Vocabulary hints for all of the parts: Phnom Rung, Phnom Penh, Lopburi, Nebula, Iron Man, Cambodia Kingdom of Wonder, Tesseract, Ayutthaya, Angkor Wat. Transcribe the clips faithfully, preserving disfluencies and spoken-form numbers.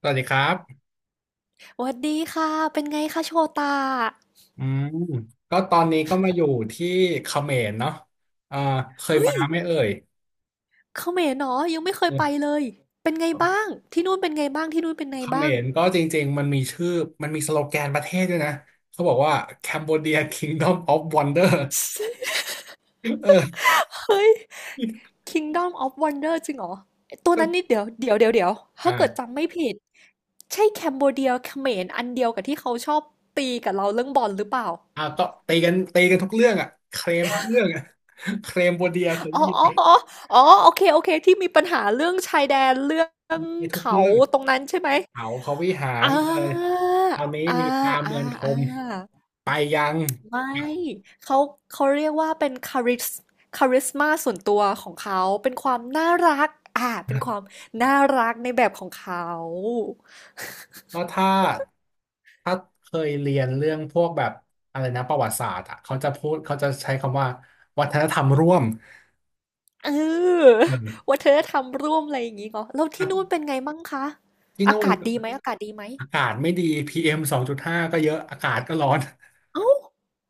สวัสดีครับสวัสดีค่ะเป็นไงคะโชตาอืมก็ตอนนี้ก็มาอยู่ที่เขมรเนาะอ่าเคยเฮ้ยมาไหมเอ่ยเขมรเนาะยังไม่เคยเไปออเลยเป็นไงบ้าง ที่นู่นเป็นไงบ้าง ที่นู่นเป็นไงเขมบ้างรก็จริงๆมันมีชื่อ มันมีสโลแกนประเทศด้วยนะ เขาบอกว่า Cambodia Kingdom of Wonder เออเฮ้ย Kingdom of Wonder จริงเหรอตัวก็นั้นนี่เดี๋ยวเดี๋ยวเดี๋ยวเดี๋ยวถ้าเกิดอ่าจำไม่ผิด ใช่แคมโบเดียเขมรอันเดียวกับที่เขาชอบตีกับเราเรื่องบอลหรือเปล่าอ่าก็ตีกันตีกันทุกเรื่องอ่ะเคลมทุกเรื่องอ่ะเคลมโบเดียเคยอ๋อได้ยินอ๋อไหมอ๋ออ๋อโอเค โอเค ที่มีปัญหาเรื่องชายแดนเรื่องมีทุกเขาเรื่อง ตรงนั้นใช่ไหมเขาพระวิหาอ่รเลยาตอนนี้อ่ามีตาอ่าเมืองคอ่า ม ไปยัง ไม่ เขาเขาเรียกว่าเป็นคาริสคาริสมาส่วนตัวของเขาเป็นความน่ารักอ่าเป็นความน่ารักในแบบของเขาก็ถ้าถ้าเคยเรียนเรื่องพวกแบบอะไรนะประวัติศาสตร์อ่ะเขาจะพูดเขาจะใช้คำว่าวัฒนธรรมร่วมเออเวัออฒนธรรมร่วมอะไรอย่างงี้เหรอแล้วที่นู่น่เป็นไงมั่งคะที่อาโน่นกาศดีไหมอากาศดีไหมอากาศไม่ดีพีเอมสองจุดห้าก็เยอะอากาศก็ร้อน เอ้า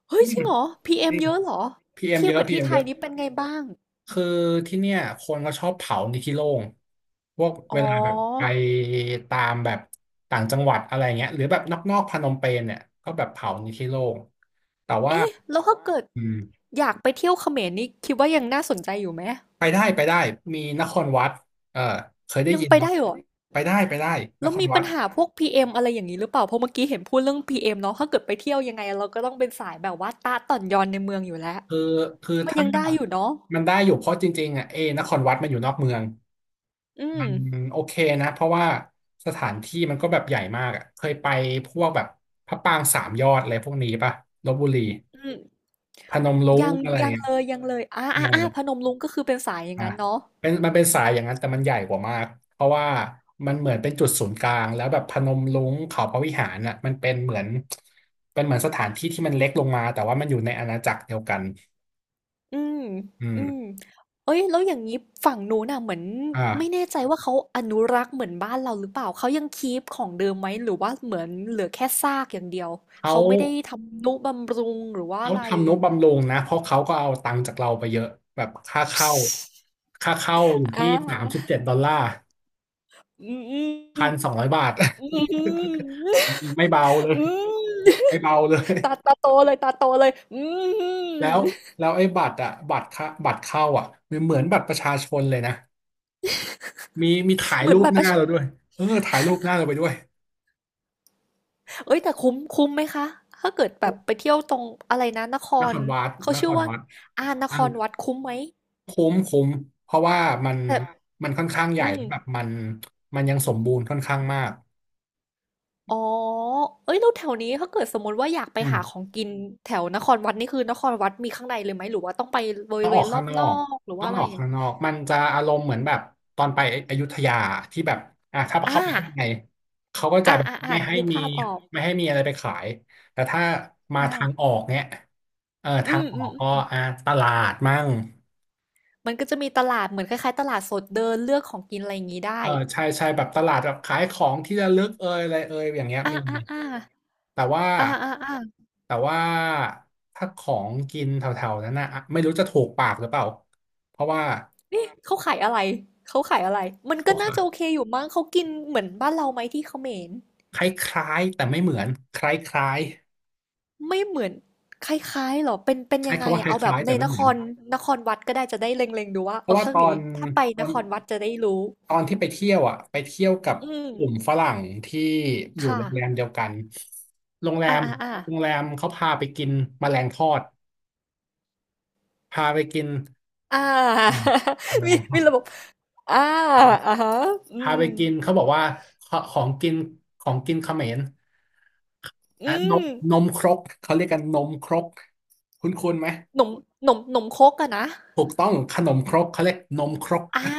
เฮ้ยอืจมริงเหรอ จ พี เอ็ม ริเอ็มงเยอะเหรอพีเอมเทียเยบอะกับพีที่เอมไทเยยอะนี่เป็นไงบ้างคือที่เนี่ยคนก็ชอบเผาในที่โล่งพวกอ๋อเวลาแบบไปตามแบบต่างจังหวัดอะไรเงี้ยหรือแบบนอกๆพนมเปญเนี่ยก็แบบเผาในที่โล่งแต่ว่าเอ๊ะแล้วถ้าเกิดอืม อยากไปเที่ยวเขมรนี่คิดว่ายังน่าสนใจอยู่ไหมไปได้ไปได้มีนครวัดเออเคยได้ยังยินไปเนาะได้เหรอ ไปได้ไปได้นแล้วครมีวัปัญดหาพวก พี เอ็ม อมอะไรอย่างนี้หรือเปล่า เพราะเมื่อกี้เห็นพูดเรื่อง พี เอ็ม เอ็มเนาะถ้าเกิดไปเที่ยวยังไงเราก็ต้องเป็นสายแบบว่าตาต่อนยอนในเมืองอยู่แล้วคือคือมันถ้ายังได้อยู่เนาะ มันได้อยู่เพราะจริงๆอ่ะเอนครวัดมันอยู่นอกเมืองอืมมันโอเคนะเพราะว่าสถานที่มันก็แบบใหญ่มากอ่ะเคยไปพวกแบบพระปรางสามยอดอะไรพวกนี้ป่ะลพบุรีอืมพนมรุ้งยังอะไรยังอย่างเลเงี้ย ย ยังเลยอ่าอ่าอ่าพนมรุ้งก็คือเป็นสายอย่างอ่ะนั้นเนาะเป็นมันเป็นสายอย่างนั้นแต่มันใหญ่กว่ามากเพราะว่ามันเหมือนเป็นจุดศูนย์กลางแล้วแบบพนมรุ้งเขาพระวิหารน่ะมันเป็นเหมือนเป็นเหมือนสถานที่ที่มันเล็กลงมาแต่ว่ามันอยู่ในอาณาจักรเดียวกันอืมอือืมมเอ้ยแล้วอย่างนี้ฝั่งนู้นน่ะเหมือนไม่อ่าแน่ใจว่าเขาอนุรักษ์เหมือนบ้านเราหรือเปล่าเขายังคีปของเดิมไหมหรือว่าเหมือนเหลือแค่ซากอย่างเดียวเขาเขาไม่ได้ทำนุบำรุงหรือว่าอะเขาไรทำนุบำรุงนะเพราะเขาก็เอาตังค์จากเราไปเยอะแบบค่าเข้าค่าเข้าอยู่อ่า ที่สามสิบเจ็ดดอลลาร์อืมอืพัมนสองร้อยบาท อืมอืม ไม่เบาเลยอืมไม่เบาเลย ตาตาโตเลยตาโตเลยอืแล้วมแล้วไอ้บัตรอะบัตรเข้าบัตรเข้าอะมันเหมือนบัตรประชาชนเลยนะมีมีถ่ายเหมือรูนปบัตรหปน้าระชาเราด้วยเออถ่ายรูปหน้าเราไปด้วยเอ้ยแต่คุ้มคุ้มไหมคะถ้าเกิดแบบไปเที่ยวตรงอะไรนะนคนครรวัดเขานชื่คอรว่าวัดอ่านคอังรวัดคุ้มไหมคุ้มคุ้มเพราะว่ามันแต่มันค่อนข้างใหอืญ่มแล้วแบบมันมันยังสมบูรณ์ค่อนข้างมากอ๋อเอ้ยแล้วแถวนี้ถ้าเกิดสมมติว่าอยากไปอืหาขอม งกินแถวนครวัดนี่คือนครวัดมีข้างในเลยไหมหรือว่าต้องไปบริต้องเวออณกรอข้าบงนนออกกหรือต้ว่าองอะไรออกข้างนอก มันจะอารมณ์เหมือนแบบตอนไปอยุธยาที่แบบอ่ะถ้าอ่าเข้าไปข้างในเขาก็จะอ่าแบบอ่าอ่าไม่ให้นึกมีภาพออกไม่ให้มีอะไรไปขายแต่ถ้ามาอ่าทางออกเนี่ยเอออืทางมออือกก็ม อ่ะตลาดมั่งมันก็จะมีตลาดเหมือนคล้ายๆตลาดสดเดินเลือกของกินอะไรอย่างงี้ได้เออใช่ใช่แบบตลาดแบบขายของที่ระลึกเอยอะไรเอยอย่างเงี้ยอามีๆๆแต่ว่าอาๆแต่ว่าถ้าของกินแถวๆนั้นนะอ่ะไม่รู้จะถูกปากหรือเปล่าเพราะว่าๆเขาขายอะไรเขาขายอะไร มันก็เขาน่าขาจะย โอเคอยู่มั้งเขากินเหมือนบ้านเราไหมที่เขมรคล้ายๆแต่ไม่เหมือนคล้ายไม่เหมือนคล้ายๆเหรอเป็นเป็นๆยัใช้งไงคำว่าอะคลเอาแบบ้ายๆในแต่ไม่นเหคมือนรนครวัดก็ได้จะได้เล็งๆดูว่าเพเอราะว่าตเคอนถ้าไปตนอนครวัดจะได้รู้ตอนที่ไปเที่ยวอ่ะไปเที่ยวกับอืกลุ่มมฝรั่งที่อยู่ค่ะโรงแรมเดียวกันโรงแรอมาๆๆโรงแรมเขาพาไปกินแมลงทอดพาไปกินอา อืมแม มีลงทมีอดระบบอาอะฮะอืพาไปมกินเขาบอกว่าขของกินของกินเขมรอ่ะอืนมมนมครกเขาเรียกกันนมครกคุ้นๆไหมหนมหนมหนมครกอะนะ ถูกต้องขนมครกเขาเรียกนมครกอา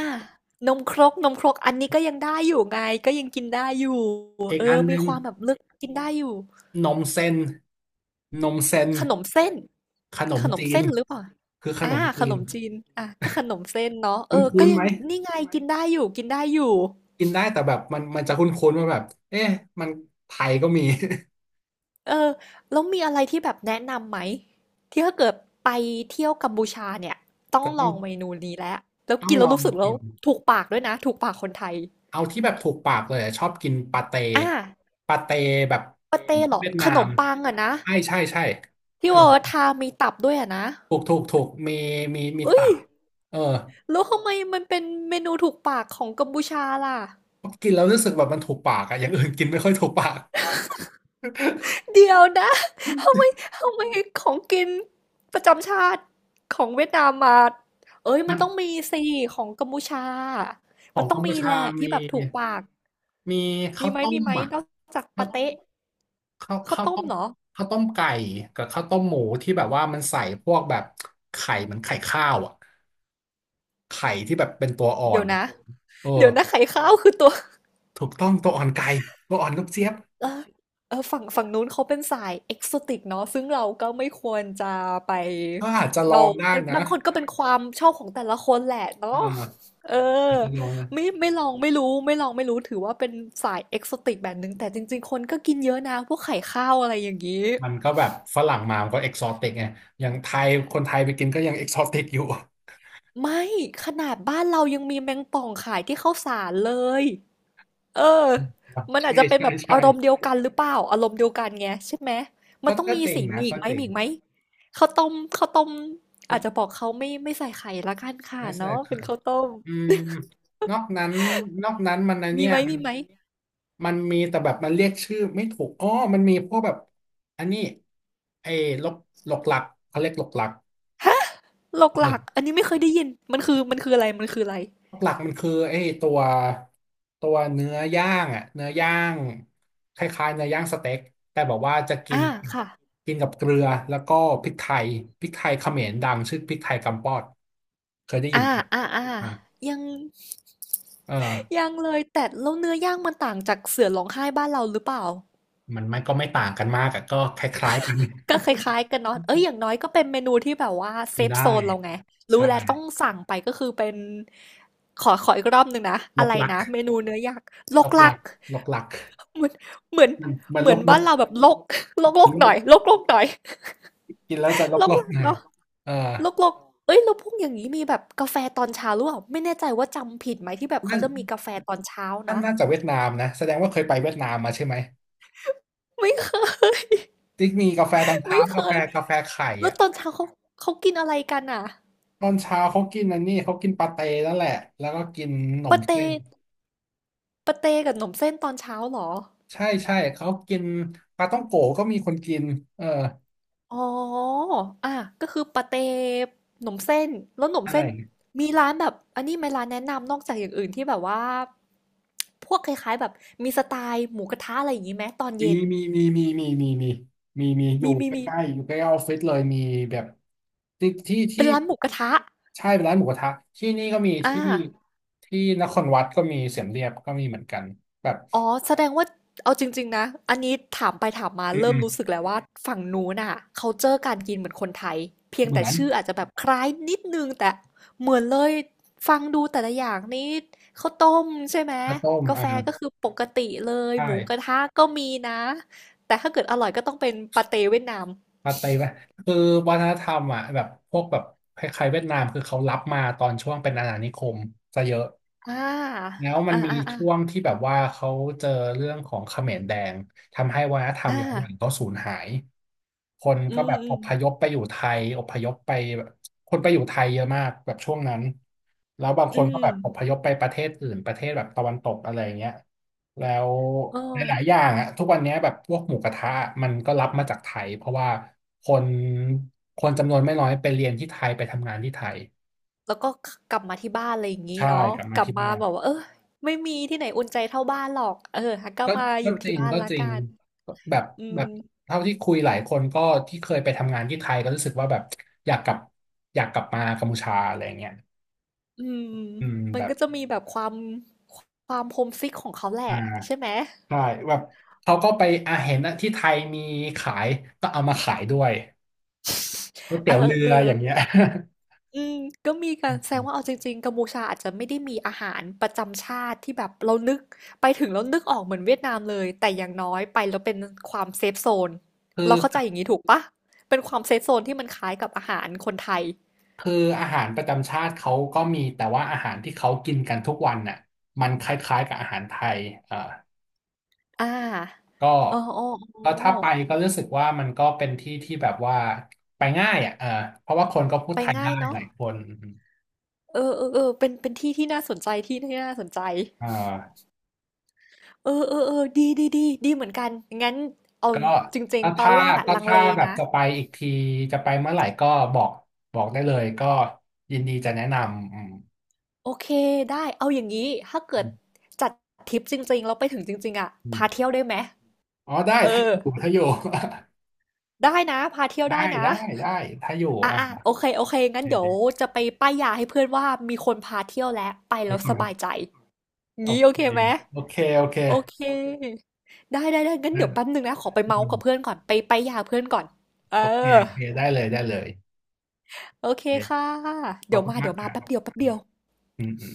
นมครก นมครก อันนี้ก็ยังได้อยู่ไงก็ยังกินได้อยู่อีกเออัอนหมีนึ่คง วามแบบเลือกกินได้อยู่นมเส้นนมเส้นขนมเส้นขนขมนมจีน เส้นหรือเปล่าคือขนอามขจีนนมจีนอาก็ขนมเส้นเนาะคเออก็ุ้นๆยัไหมงนี่ไง กินได้อยู่กินได้อยู่กินได้แต่แบบมันมันจะคุ้นๆว่าแบบเอ๊ะมันไทยก็มี เออแล้วมีอะไรที่แบบแนะนำไหมที่ถ้าเกิดไปเที่ยวกัมพูชาเนี่ย ต้องแต่ลต้อองงเมนูนี้แล้วแล้วต้อกิงนแล้ลวองรู้สึกแล้วกินถูกปากด้วยนะถูกปากคนไทยเอาที่แบบถูกปากเลยอะชอบกินปาเต้อาปาเต้แบบปาเต้เหรอ เวียดขนานมมปังอะนะ ใช่ใช่ใช่ที่ขนว่ามทามีตับด้วยอะนะถูกถูกถูกมีมีมีเอ้ตัยบเออแล้วทำไมมันเป็นเมนูถูกปากของกัมพูชาล่ะกินแล้วรู้สึกแบบมันถูกปากอะอย่างอื่นกินไม่ค่อยถูกปากเดี๋ยวนะทำไมทำไมของกินประจำชาติของเวียดนามมาเอ้ยมัมันนต้องมีสิของกัมพูชาขมัอนงต้อกังมพูมีชาแหละที่มี แบบถูกปากมีมีข้าวไหมต้มีมไหมอ่ะนอกจากข้าปาวเต๊ะข้าวข้าวข้าวต้มต้มเหรอข้าวต้มไก่กับข้าวต้มหมูที่แบบว่ามันใส่พวกแบบไข่เหมือนไข่ข้าวอ่ะไข่ที่แบบเป็นตัวอ่อเดี๋ยวนนะเออเดี๋ยวนะไข่ข้าวคือตัว ถูกต้องตัวอ่อนไก่ตัวอ่อนลูกเจี๊ยบเออเออฝั่งฝั่งนู้นเขาเป็นสาย Exotic เนาะซึ่งเราก็ไม่ควรจะไปก็อาจจะลอเรางได้ันะบางคนก็เป็นความชอบของแต่ละคนแหละอ่เนาะาเอออาจจะลองนะไม่ไม่ลองไม่รู้ไม่ลองไม่รู้ถือว่าเป็นสาย Exotic แบบหนึ่งแต่จริงๆคนก็กินเยอะนะพวกไข่ข้าวอะไรอย่างนี้มันก็แบบฝรั่งมามันก็เอกซอติกไงอย่างไทยคนไทยไปกินก็ยังเอกซอติกอยู่ ไม่ขนาดบ้านเรายังมีแมงป่องขายที่ข้าวสารเลย เออ มันอาจใช่จะเป็นใช่แบบอารมณ์เดีใช่ยวกันหรือเปล่าอารมณ์เดียวกันไงใช่ไหมมันก็ต้องก็มีจริสิงนะมีอีกก็ไหมจริมีงอีกไหมข้าวต้มข้าวต้มก็อาจจะบอกเขาไม่ไม่ใส่ไข่ละกันค่ะน่าสนเนาะใจ เป็นข้าวต้มอืมนอกนั้นนอกนั้นมันในะมีเนี่ไหยมมัมีนไหมมันมีแต่แบบมันเรียกชื่อไม่ถูกอ๋อมันมีพวกแบบอันนี้ไอ้ลกหลกหลักเขาเรียกหลกหลักฮะหลอกหเออลักอันนี้ไม่เคยได้ยินมันคือมันคืออะไรมันคืออะไรหลกหลักมันคือไอ้ตัวตัวเนื้อย่างอ่ะเนื้อย่างคล้ายๆเนื้อย่างสเต็กแต่บอกว่าจะกิอ่านค่ะกินกับเกลือแล้วก็พริกไทยพริกไทยเขมรดังชื่อพริกไทยกำปอดเคยได้อ่ายินไหมอ่าอ่าอ่ายังเออยังเลยแต่แล้วเนื้อย่างมันต่างจากเสือร้องไห้บ้านเราหรือเปล่า มันมันก็ไม่ต่างกันมากอะก็คล้ายๆกัน ก็คล้ายๆกันเนาะเอ้ยอย่างน้อยก็เป็นเมนูที่แบบว่าเซฟได้โซนเราไงรู้ใช่แล้วต้องสั่งไปก็คือเป็นขอขออีกรอบหนึ่งนะลอะบไรหลักนะเมนูเนื้อยักษ์ลลกบหลัลักกลบหลักเหมือนเหมือนมันมันเหมืลอนบลบ้าบนเราแบบลก ลกลมักนหลน่อบยลกลกหน่อยกินแล้วจะลบลกลบลักหน่อยเนาะเออลกลกเอ้ยแล้วพวกอย่างนี้มีแบบกาแฟตอนเช้าหรือเปล่าไม่แน่ใจว่าจำผิดไหมที่แบบเขานั่นจะมีกาแฟตอนเช้านั่นเนาะน่าจะเวียดนามนะแสดงว่าเคยไปเวียดนามมาใช่ไหมไม่เคย ที่มีกาแฟตอน ไม่เช้าเคกาแฟยกาแฟไข่แล้วอ่ะตอนเช้าเขาเขากินอะไรกันอ่ะตอนเช้าเขากินอันนี้เขากินปาเต้นั่นแหละแล้วก็กินขนปามเต้เส้นปาเต้กับขนมเส้นตอนเช้าเหรอ ใช่ใช่เขากินปลาต้องโกะก็มีคนกินเอออ๋ออ่ะก็คือปาเต้หนมเส้น แล้วหนมอะไร เส้นมีร้านแบบอันนี้ไหมร้านแนะนำนอกจากอย่างอื่นที่แบบว่า พวกคล้ายๆแบบมีสไตล์หมูกระทะอะไรอย่างนี้ไหมตอนมีเย็น มีมีมีมีมีมีมีมีอมียู่มีใกมีล้ๆอยู่ใกล้ออฟฟิศเลยมีแบบที่ที่เป็นที่ร้านหมูกระทะใช่เป็นร้านหมูกระทะที่นี่ก็มีอ่า ที่ที่นครวัดก็มีเสียมเรียบก็มีเหมือนกันแบบอ๋อแสดงว่าเอาจริงๆนะอันนี้ถามไปถามมาอืมเริ่อืมมรู้สึกแล้วว่าฝั่งนู้นน่ะเขาเจอการกินเหมือนคนไทยเพียงเหมืแต่อนชื่ออาจจะแบบคล้ายนิดนึงแต่เหมือนเลยฟังดูแต่ละอย่างนี่ข้าวต้มใช่ไหมข้าวต้มกาแฟอ่าก็คือปกติเลยใชหมูกระ่ ทะก็มีนะแต่ถ้าเกิดอร่อยก็ต้องเป็นปาเต้เวียดนามปาเต้ไหคือวัฒนธรรมอ่ะแบบพวกแบบคล้ายๆเวียดนามคือเขารับมาตอนช่วงเป็นอาณานิคมซะเยอะอ่าแล้วมัอ่านมีอ่าอ่าช่วงที่แบบว่าเขาเจอเรื่องของเขมรแดงทำให้วัฒนธรรอ่ามหลายอย่างก็สูญหายคนอืก็มแบบอือมพยพไปอยู่ไทยอพยพไปแบบคนไปอยู่ไทยเยอะมากแบบช่วงนั้นแล้วบางอืคนก็มแบบอพยพไปประเทศอื่นประเทศแบบตะวันตกอะไรอย่างเงี้ย แล้วอ๋อ หลายๆอย่างอะทุกวันเนี้ยแบบพวกหมูกระทะมันก็รับมาจากไทยเพราะว่าคนคนจำนวนไม่น้อยไปเรียนที่ไทยไปทำงานที่ไทยแล้วก็ขกลับมาที่บ้านอะไรอย่างงี้ใช่เนาะกลับกมาลับที่มาบ้านแบบว่าเออไม่มีที่ไหนอุ่นใจเท่าบ้านหรอกเอองั้นก็ก็มาอก็ยู่จที่ริงบ้านก็แล้วจริกังนแบบอืแบมบเท่าที่คุยหลายคนก็ที่เคยไปทำงานที่ไทยก็รู้สึกว่าแบบอยากกลับอยากกลับมากัมพูชาอะไรเงี้ยอืมอืมมัแบนบก็จะมีแบบความคความ โฮมซิก ของเขาแหละอ่าใช่ไหมใช่แบบเขาก็ไปอาเห็นอะที่ไทยมีขายก็เอามาขายด้วยก๋วยเเตี๋ยวเรืออออย่างเงี้ย ๆอืมก็มีการแสดง ว่าเอาจริงๆกัมพูชาอาจจะไม่ได้มีอาหารประจำชาติที่แบบเรานึกไปถึงแล้วนึกออกเหมือนเวียดนามเลยแต่อย่างน้อยไปแล้วเป็นความเซฟโซนคือ เราเข้าใจอย่างงี้ถูกเปล่าเป็นความเซฟโซนที่มันคล้ายกับอาหารคนไทย คืออาหารประจำชาติเขาก็มีแต่ว่าอาหารที่เขากินกันทุกวันน่ะมันคล้ายๆกับอาหารไทยเอ่ออ่าก็โอ้โอ้โอ้ก็ถ้าไปก็รู้สึกว่ามันก็เป็นที่ที่แบบว่าไปง่ายอ่ะเออเพราะว่าคนก็พูดไปไทยง่ายได้หเนาะ ลายคนเออเออเออเป็นเป็นที่ที่น่าสนใจที่ที่น่าสนใจเออเออเออเออดีดีดีดีเหมือนกันงั้นเอาก็จริงก็ๆตอนถ้าแรกอะก็ลังเลถ้าแบบนะจะไปอีกทีจะไปเมื่อไหร่ก็บอกบอกได้เลยก็ยินดีจะแนะนำอืมโอเค ได้เอาอย่างนี้ถ้าเกิอืดมจัดทริปจริงๆแล้วไปถึงจริงๆอะอืมพาเที่ยวได้ไหมอ๋อได้เอถ้าออยู่ถ้าอยู่ ได้นะ พาเที่ยว ได้ได้นะได้ได้ถ้าอยู่อ่ะอ่ะอ่ะโอเคโอเคโองั้นเดี๋เยวจะไปป้ายยาให้เพื่อนว่ามีคนพาเที่ยวแล้วไปแล้วสบายค ใจโองี้โอเคเคไหม โอเคโอเคโอเค ได้ได้ได้งั้นได้เดี๋ยวแป๊บนึงนะ ขอไปอืเมาส์มกับเพื่อนก่อนไปไปยาเพื่อนก่อนเอโอเคอโอเคได้เลยได้เลยโอเคโอเคค่ะ ขอเดี๋ยบวคุณมามาเดี๋ยกวมาค่ะแป๊บเดียวแป๊บเดียวอืมอืม